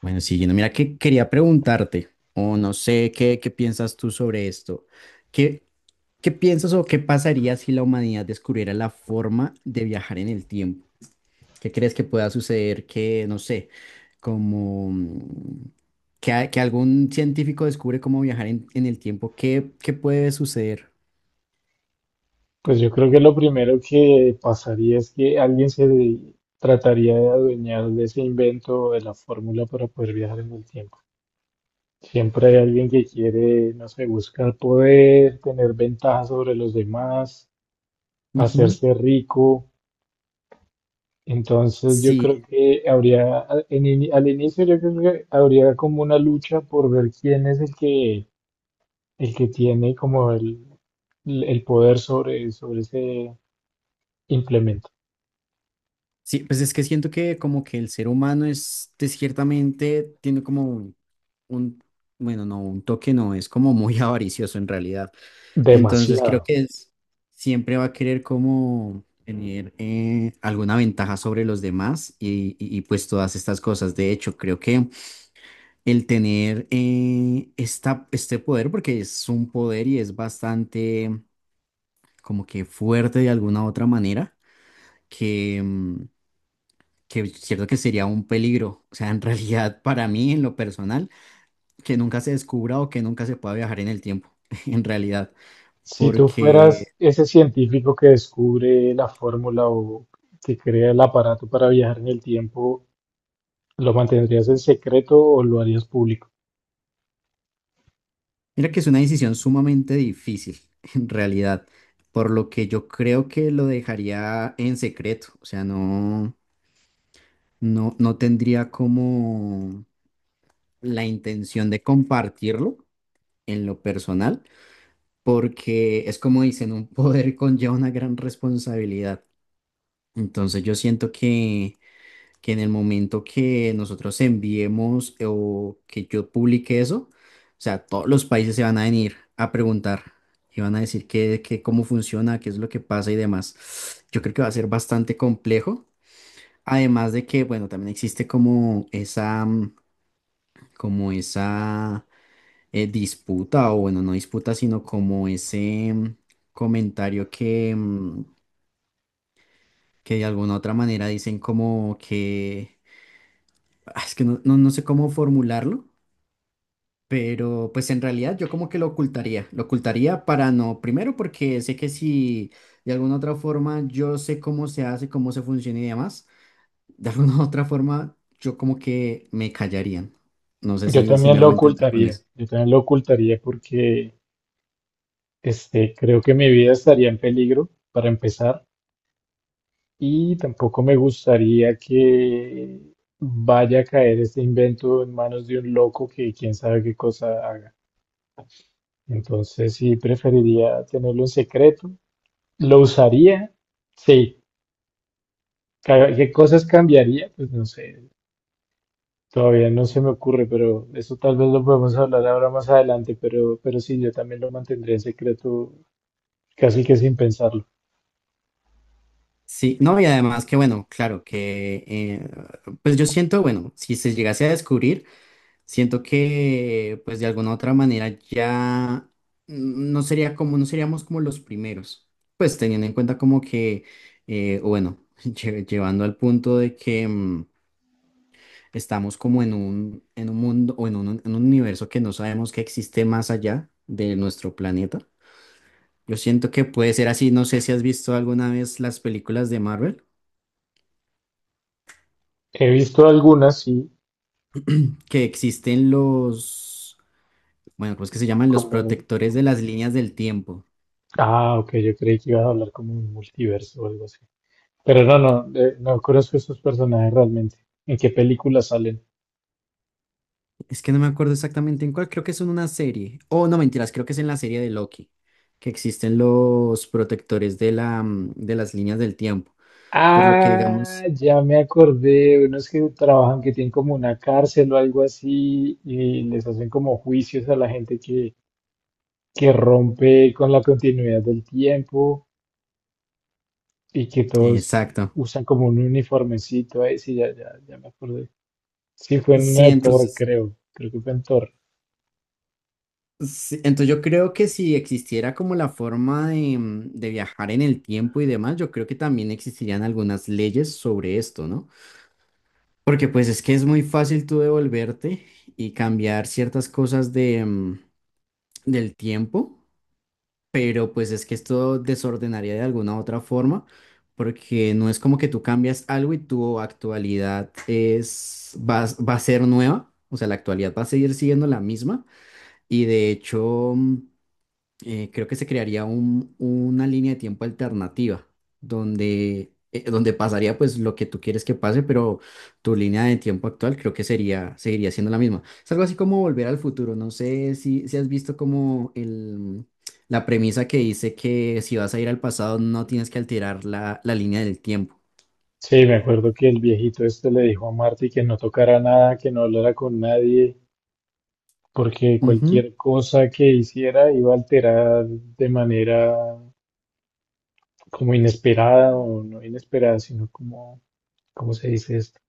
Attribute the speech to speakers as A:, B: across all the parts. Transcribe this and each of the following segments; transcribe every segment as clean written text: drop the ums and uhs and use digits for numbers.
A: Bueno, siguiendo, mira que quería preguntarte, o no sé qué, qué piensas tú sobre esto. ¿Qué, qué piensas o qué pasaría si la humanidad descubriera la forma de viajar en el tiempo? ¿Qué crees que pueda suceder? Que, no sé, como mm, que, que algún científico descubre cómo viajar en el tiempo, ¿qué puede suceder?
B: Pues yo creo que lo primero que pasaría es que alguien trataría de adueñar de ese invento o de la fórmula para poder viajar en el tiempo. Siempre hay alguien que quiere, no sé, buscar poder, tener ventaja sobre los demás,
A: Ujú.
B: hacerse rico. Entonces yo
A: Sí,
B: creo que habría, al inicio yo creo que habría como una lucha por ver quién es el que tiene como el poder sobre, sobre ese implemento.
A: sí, pues es que siento que como que el ser humano es de ciertamente, tiene como un, bueno, no, un toque no, es como muy avaricioso en realidad. Entonces creo
B: Demasiado.
A: que es, siempre va a querer como tener alguna ventaja sobre los demás y, pues todas estas cosas. De hecho, creo que el tener esta, este poder, porque es un poder y es bastante como que fuerte de alguna otra manera, que... mm, que es cierto que sería un peligro, o sea, en realidad para mí en lo personal, que nunca se descubra o que nunca se pueda viajar en el tiempo, en realidad,
B: Si tú
A: porque
B: fueras ese científico que descubre la fórmula o que crea el aparato para viajar en el tiempo, ¿lo mantendrías en secreto o lo harías público?
A: mira que es una decisión sumamente difícil, en realidad, por lo que yo creo que lo dejaría en secreto, o sea, no tendría como la intención de compartirlo en lo personal, porque es como dicen, un poder conlleva una gran responsabilidad. Entonces yo siento que en el momento que nosotros enviemos o que yo publique eso, o sea, todos los países se van a venir a preguntar y van a decir cómo funciona, qué es lo que pasa y demás. Yo creo que va a ser bastante complejo. Además de que, bueno, también existe como esa, como esa disputa, o bueno, no disputa, sino como ese comentario que que de alguna otra manera dicen como que, ah, es que no sé cómo formularlo. Pero pues en realidad yo como que lo ocultaría para no, primero porque sé que si de alguna otra forma yo sé cómo se hace, cómo se funciona y demás, de alguna otra forma yo como que me callarían. No sé
B: Yo
A: si me
B: también lo
A: hago entender con
B: ocultaría,
A: eso.
B: yo también lo ocultaría porque este, creo que mi vida estaría en peligro para empezar y tampoco me gustaría que vaya a caer este invento en manos de un loco que quién sabe qué cosa haga. Entonces sí preferiría tenerlo en secreto. ¿Lo usaría? Sí. ¿Qué cosas cambiaría? Pues no sé, todavía no se me ocurre, pero eso tal vez lo podemos hablar ahora más adelante, pero sí, yo también lo mantendría en secreto casi que sin pensarlo.
A: Sí, no, y además que bueno, claro, que pues yo siento, bueno, si se llegase a descubrir, siento que, pues de alguna u otra manera ya no sería como, no seríamos como los primeros. Pues teniendo en cuenta como que, o bueno, llevando al punto de que estamos como en un mundo o en un universo que no sabemos que existe más allá de nuestro planeta. Yo siento que puede ser así. No sé si has visto alguna vez las películas de Marvel,
B: He visto algunas, sí,
A: que existen los, bueno, ¿cómo es que se llaman? Los
B: como...
A: protectores de las líneas del tiempo.
B: Ah, ok, yo creí que ibas a hablar como un multiverso o algo así. Pero no, no, no conozco estos personajes realmente. ¿En qué películas salen?
A: Es que no me acuerdo exactamente en cuál, creo que es en una serie. Oh, no, mentiras, creo que es en la serie de Loki, que existen los protectores de la, de las líneas del tiempo, por lo que
B: Ah,
A: digamos,
B: ya me acordé, unos que trabajan que tienen como una cárcel o algo así y les hacen como juicios a la gente que rompe con la continuidad del tiempo y que todos
A: exacto.
B: usan como un uniformecito ahí, sí, ya, ya, ya me acordé. Sí, fue en una
A: Sí,
B: de Thor,
A: entonces,
B: creo, creo que fue en Thor.
A: sí, entonces yo creo que si existiera como la forma de, de viajar en el tiempo y demás, yo creo que también existirían algunas leyes sobre esto, ¿no? Porque pues es que es muy fácil tú devolverte y cambiar ciertas cosas de, del tiempo, pero pues es que esto desordenaría de alguna u otra forma, porque no es como que tú cambias algo y tu actualidad es, va, va a ser nueva, o sea, la actualidad va a seguir siendo la misma y de hecho, creo que se crearía una línea de tiempo alternativa donde, donde pasaría pues lo que tú quieres que pase, pero tu línea de tiempo actual creo que sería, seguiría siendo la misma. Es algo así como volver al futuro. No sé si has visto como el, la premisa que dice que si vas a ir al pasado no tienes que alterar la, la línea del tiempo.
B: Sí, me acuerdo que el viejito este le dijo a Marty que no tocara nada, que no hablara con nadie, porque cualquier cosa que hiciera iba a alterar de manera como inesperada o no inesperada, sino como, ¿cómo se dice esto?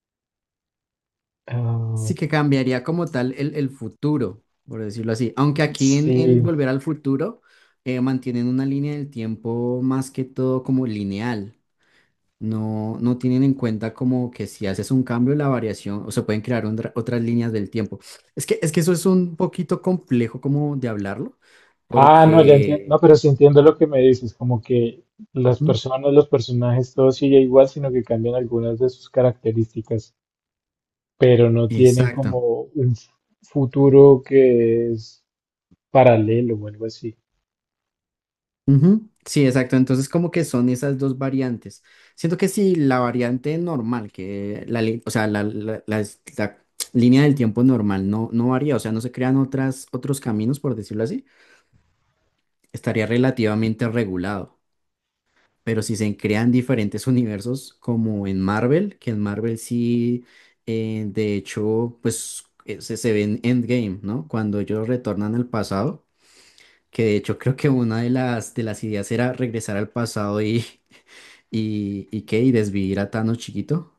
B: Ah,
A: Sí que cambiaría como tal el futuro, por decirlo así. Aunque aquí en
B: sí.
A: Volver al Futuro mantienen una línea del tiempo más que todo como lineal. No tienen en cuenta como que si haces un cambio, la variación, o se pueden crear otras líneas del tiempo. Es que eso es un poquito complejo como de hablarlo,
B: Ah, no, ya entiendo. No,
A: porque...
B: pero sí entiendo lo que me dices, como que las
A: Ujú.
B: personas, los personajes, todo sigue igual, sino que cambian algunas de sus características, pero no tienen
A: Exacto.
B: como un futuro que es paralelo o algo así.
A: Ujú, sí, exacto. Entonces, como que son esas dos variantes. Siento que si la variante normal, que la, o sea, la la línea del tiempo normal no varía, o sea, no se crean otras, otros caminos, por decirlo así, estaría relativamente regulado. Pero si se crean diferentes universos, como en Marvel, que en Marvel sí, de hecho, se ve en Endgame, ¿no? Cuando ellos retornan al pasado, que de hecho creo que una de las ideas era regresar al pasado y y desvivir a Thanos chiquito.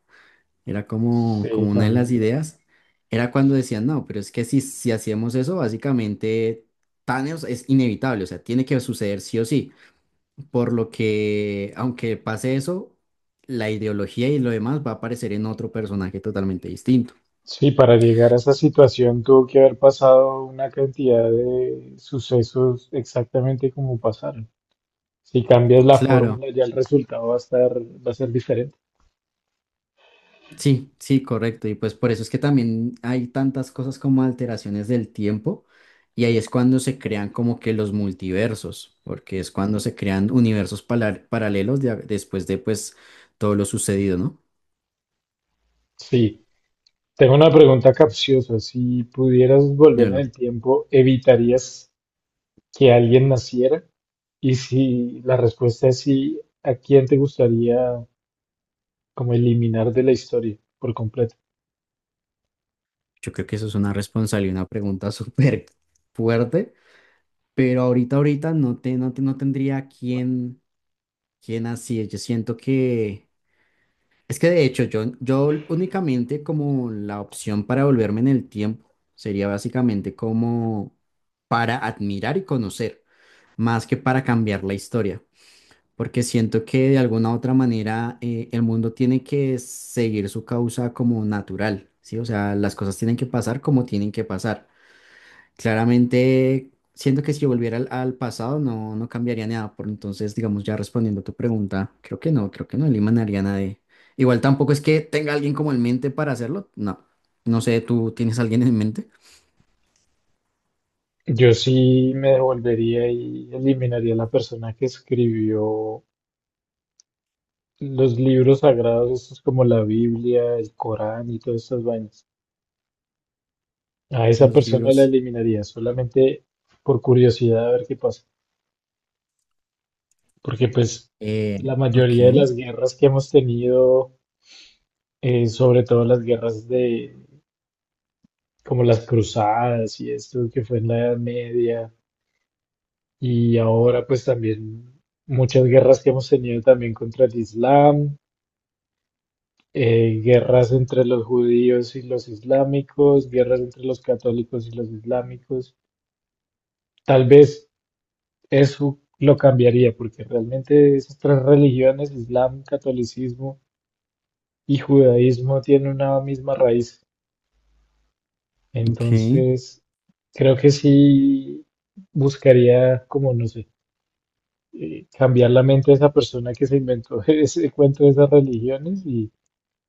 A: Era como,
B: Sí,
A: como una de las
B: también.
A: ideas. Era cuando decían, no, pero es que si hacíamos eso, básicamente Thanos es inevitable, o sea, tiene que suceder sí o sí. Por lo que, aunque pase eso, la ideología y lo demás va a aparecer en otro personaje totalmente distinto.
B: Sí, para llegar a esa situación tuvo que haber pasado una cantidad de sucesos exactamente como pasaron. Si cambias la
A: Claro,
B: fórmula, ya el resultado va a estar, va a ser diferente.
A: sí, sí, correcto. Y pues por eso es que también hay tantas cosas como alteraciones del tiempo y ahí es cuando se crean como que los multiversos, porque es cuando se crean universos paralelos después de pues todo lo sucedido, ¿no?
B: Sí. Tengo una pregunta capciosa. Si pudieras volver en
A: Dímelo.
B: el tiempo, ¿evitarías que alguien naciera? Y si la respuesta es sí, ¿a quién te gustaría como eliminar de la historia por completo?
A: Yo creo que eso es una responsabilidad, una pregunta súper fuerte, pero ahorita no tendría quién, quién así. Es. Yo siento que... Es que de hecho yo únicamente como la opción para volverme en el tiempo sería básicamente como para admirar y conocer, más que para cambiar la historia, porque siento que de alguna u otra manera el mundo tiene que seguir su causa como natural, ¿sí? O sea, las cosas tienen que pasar como tienen que pasar. Claramente, siento que si yo volviera al pasado no cambiaría nada, por entonces, digamos, ya respondiendo a tu pregunta, creo que no eliminaría a nadie. Igual tampoco es que tenga alguien como en mente para hacerlo, no. No sé, ¿tú tienes alguien en mente?
B: Yo sí me devolvería y eliminaría a la persona que escribió los libros sagrados, estos como la Biblia, el Corán y todas estas vainas. A esa
A: Los
B: persona la
A: libros.
B: eliminaría solamente por curiosidad a ver qué pasa. Porque pues la mayoría de
A: Ok,
B: las guerras que hemos tenido, sobre todo las guerras de como las cruzadas y esto que fue en la Edad Media y ahora pues también muchas guerras que hemos tenido también contra el Islam, guerras entre los judíos y los islámicos, guerras entre los católicos y los islámicos. Tal vez eso lo cambiaría porque realmente esas tres religiones, Islam, catolicismo y judaísmo, tienen una misma raíz.
A: ok.
B: Entonces, creo que sí buscaría, como no sé, cambiar la mente de esa persona que se inventó ese cuento de esas religiones y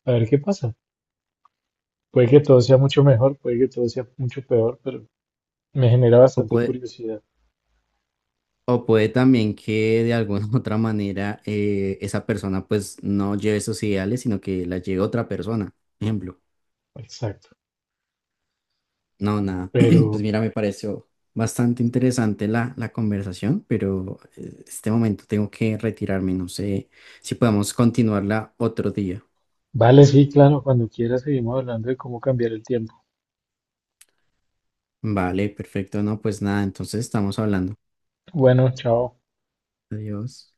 B: a ver qué pasa. Puede que todo sea mucho mejor, puede que todo sea mucho peor, pero me genera
A: O
B: bastante
A: puede,
B: curiosidad.
A: o puede también que de alguna u otra manera esa persona pues no lleve esos ideales, sino que la lleve otra persona, ejemplo.
B: Exacto.
A: No, nada. Pues
B: Pero
A: mira, me pareció bastante interesante la, la conversación, pero este momento tengo que retirarme. No sé si podemos continuarla otro día.
B: vale, sí, claro, cuando quieras seguimos hablando de cómo cambiar el tiempo.
A: Vale, perfecto. No, pues nada, entonces estamos hablando.
B: Bueno, chao.
A: Adiós.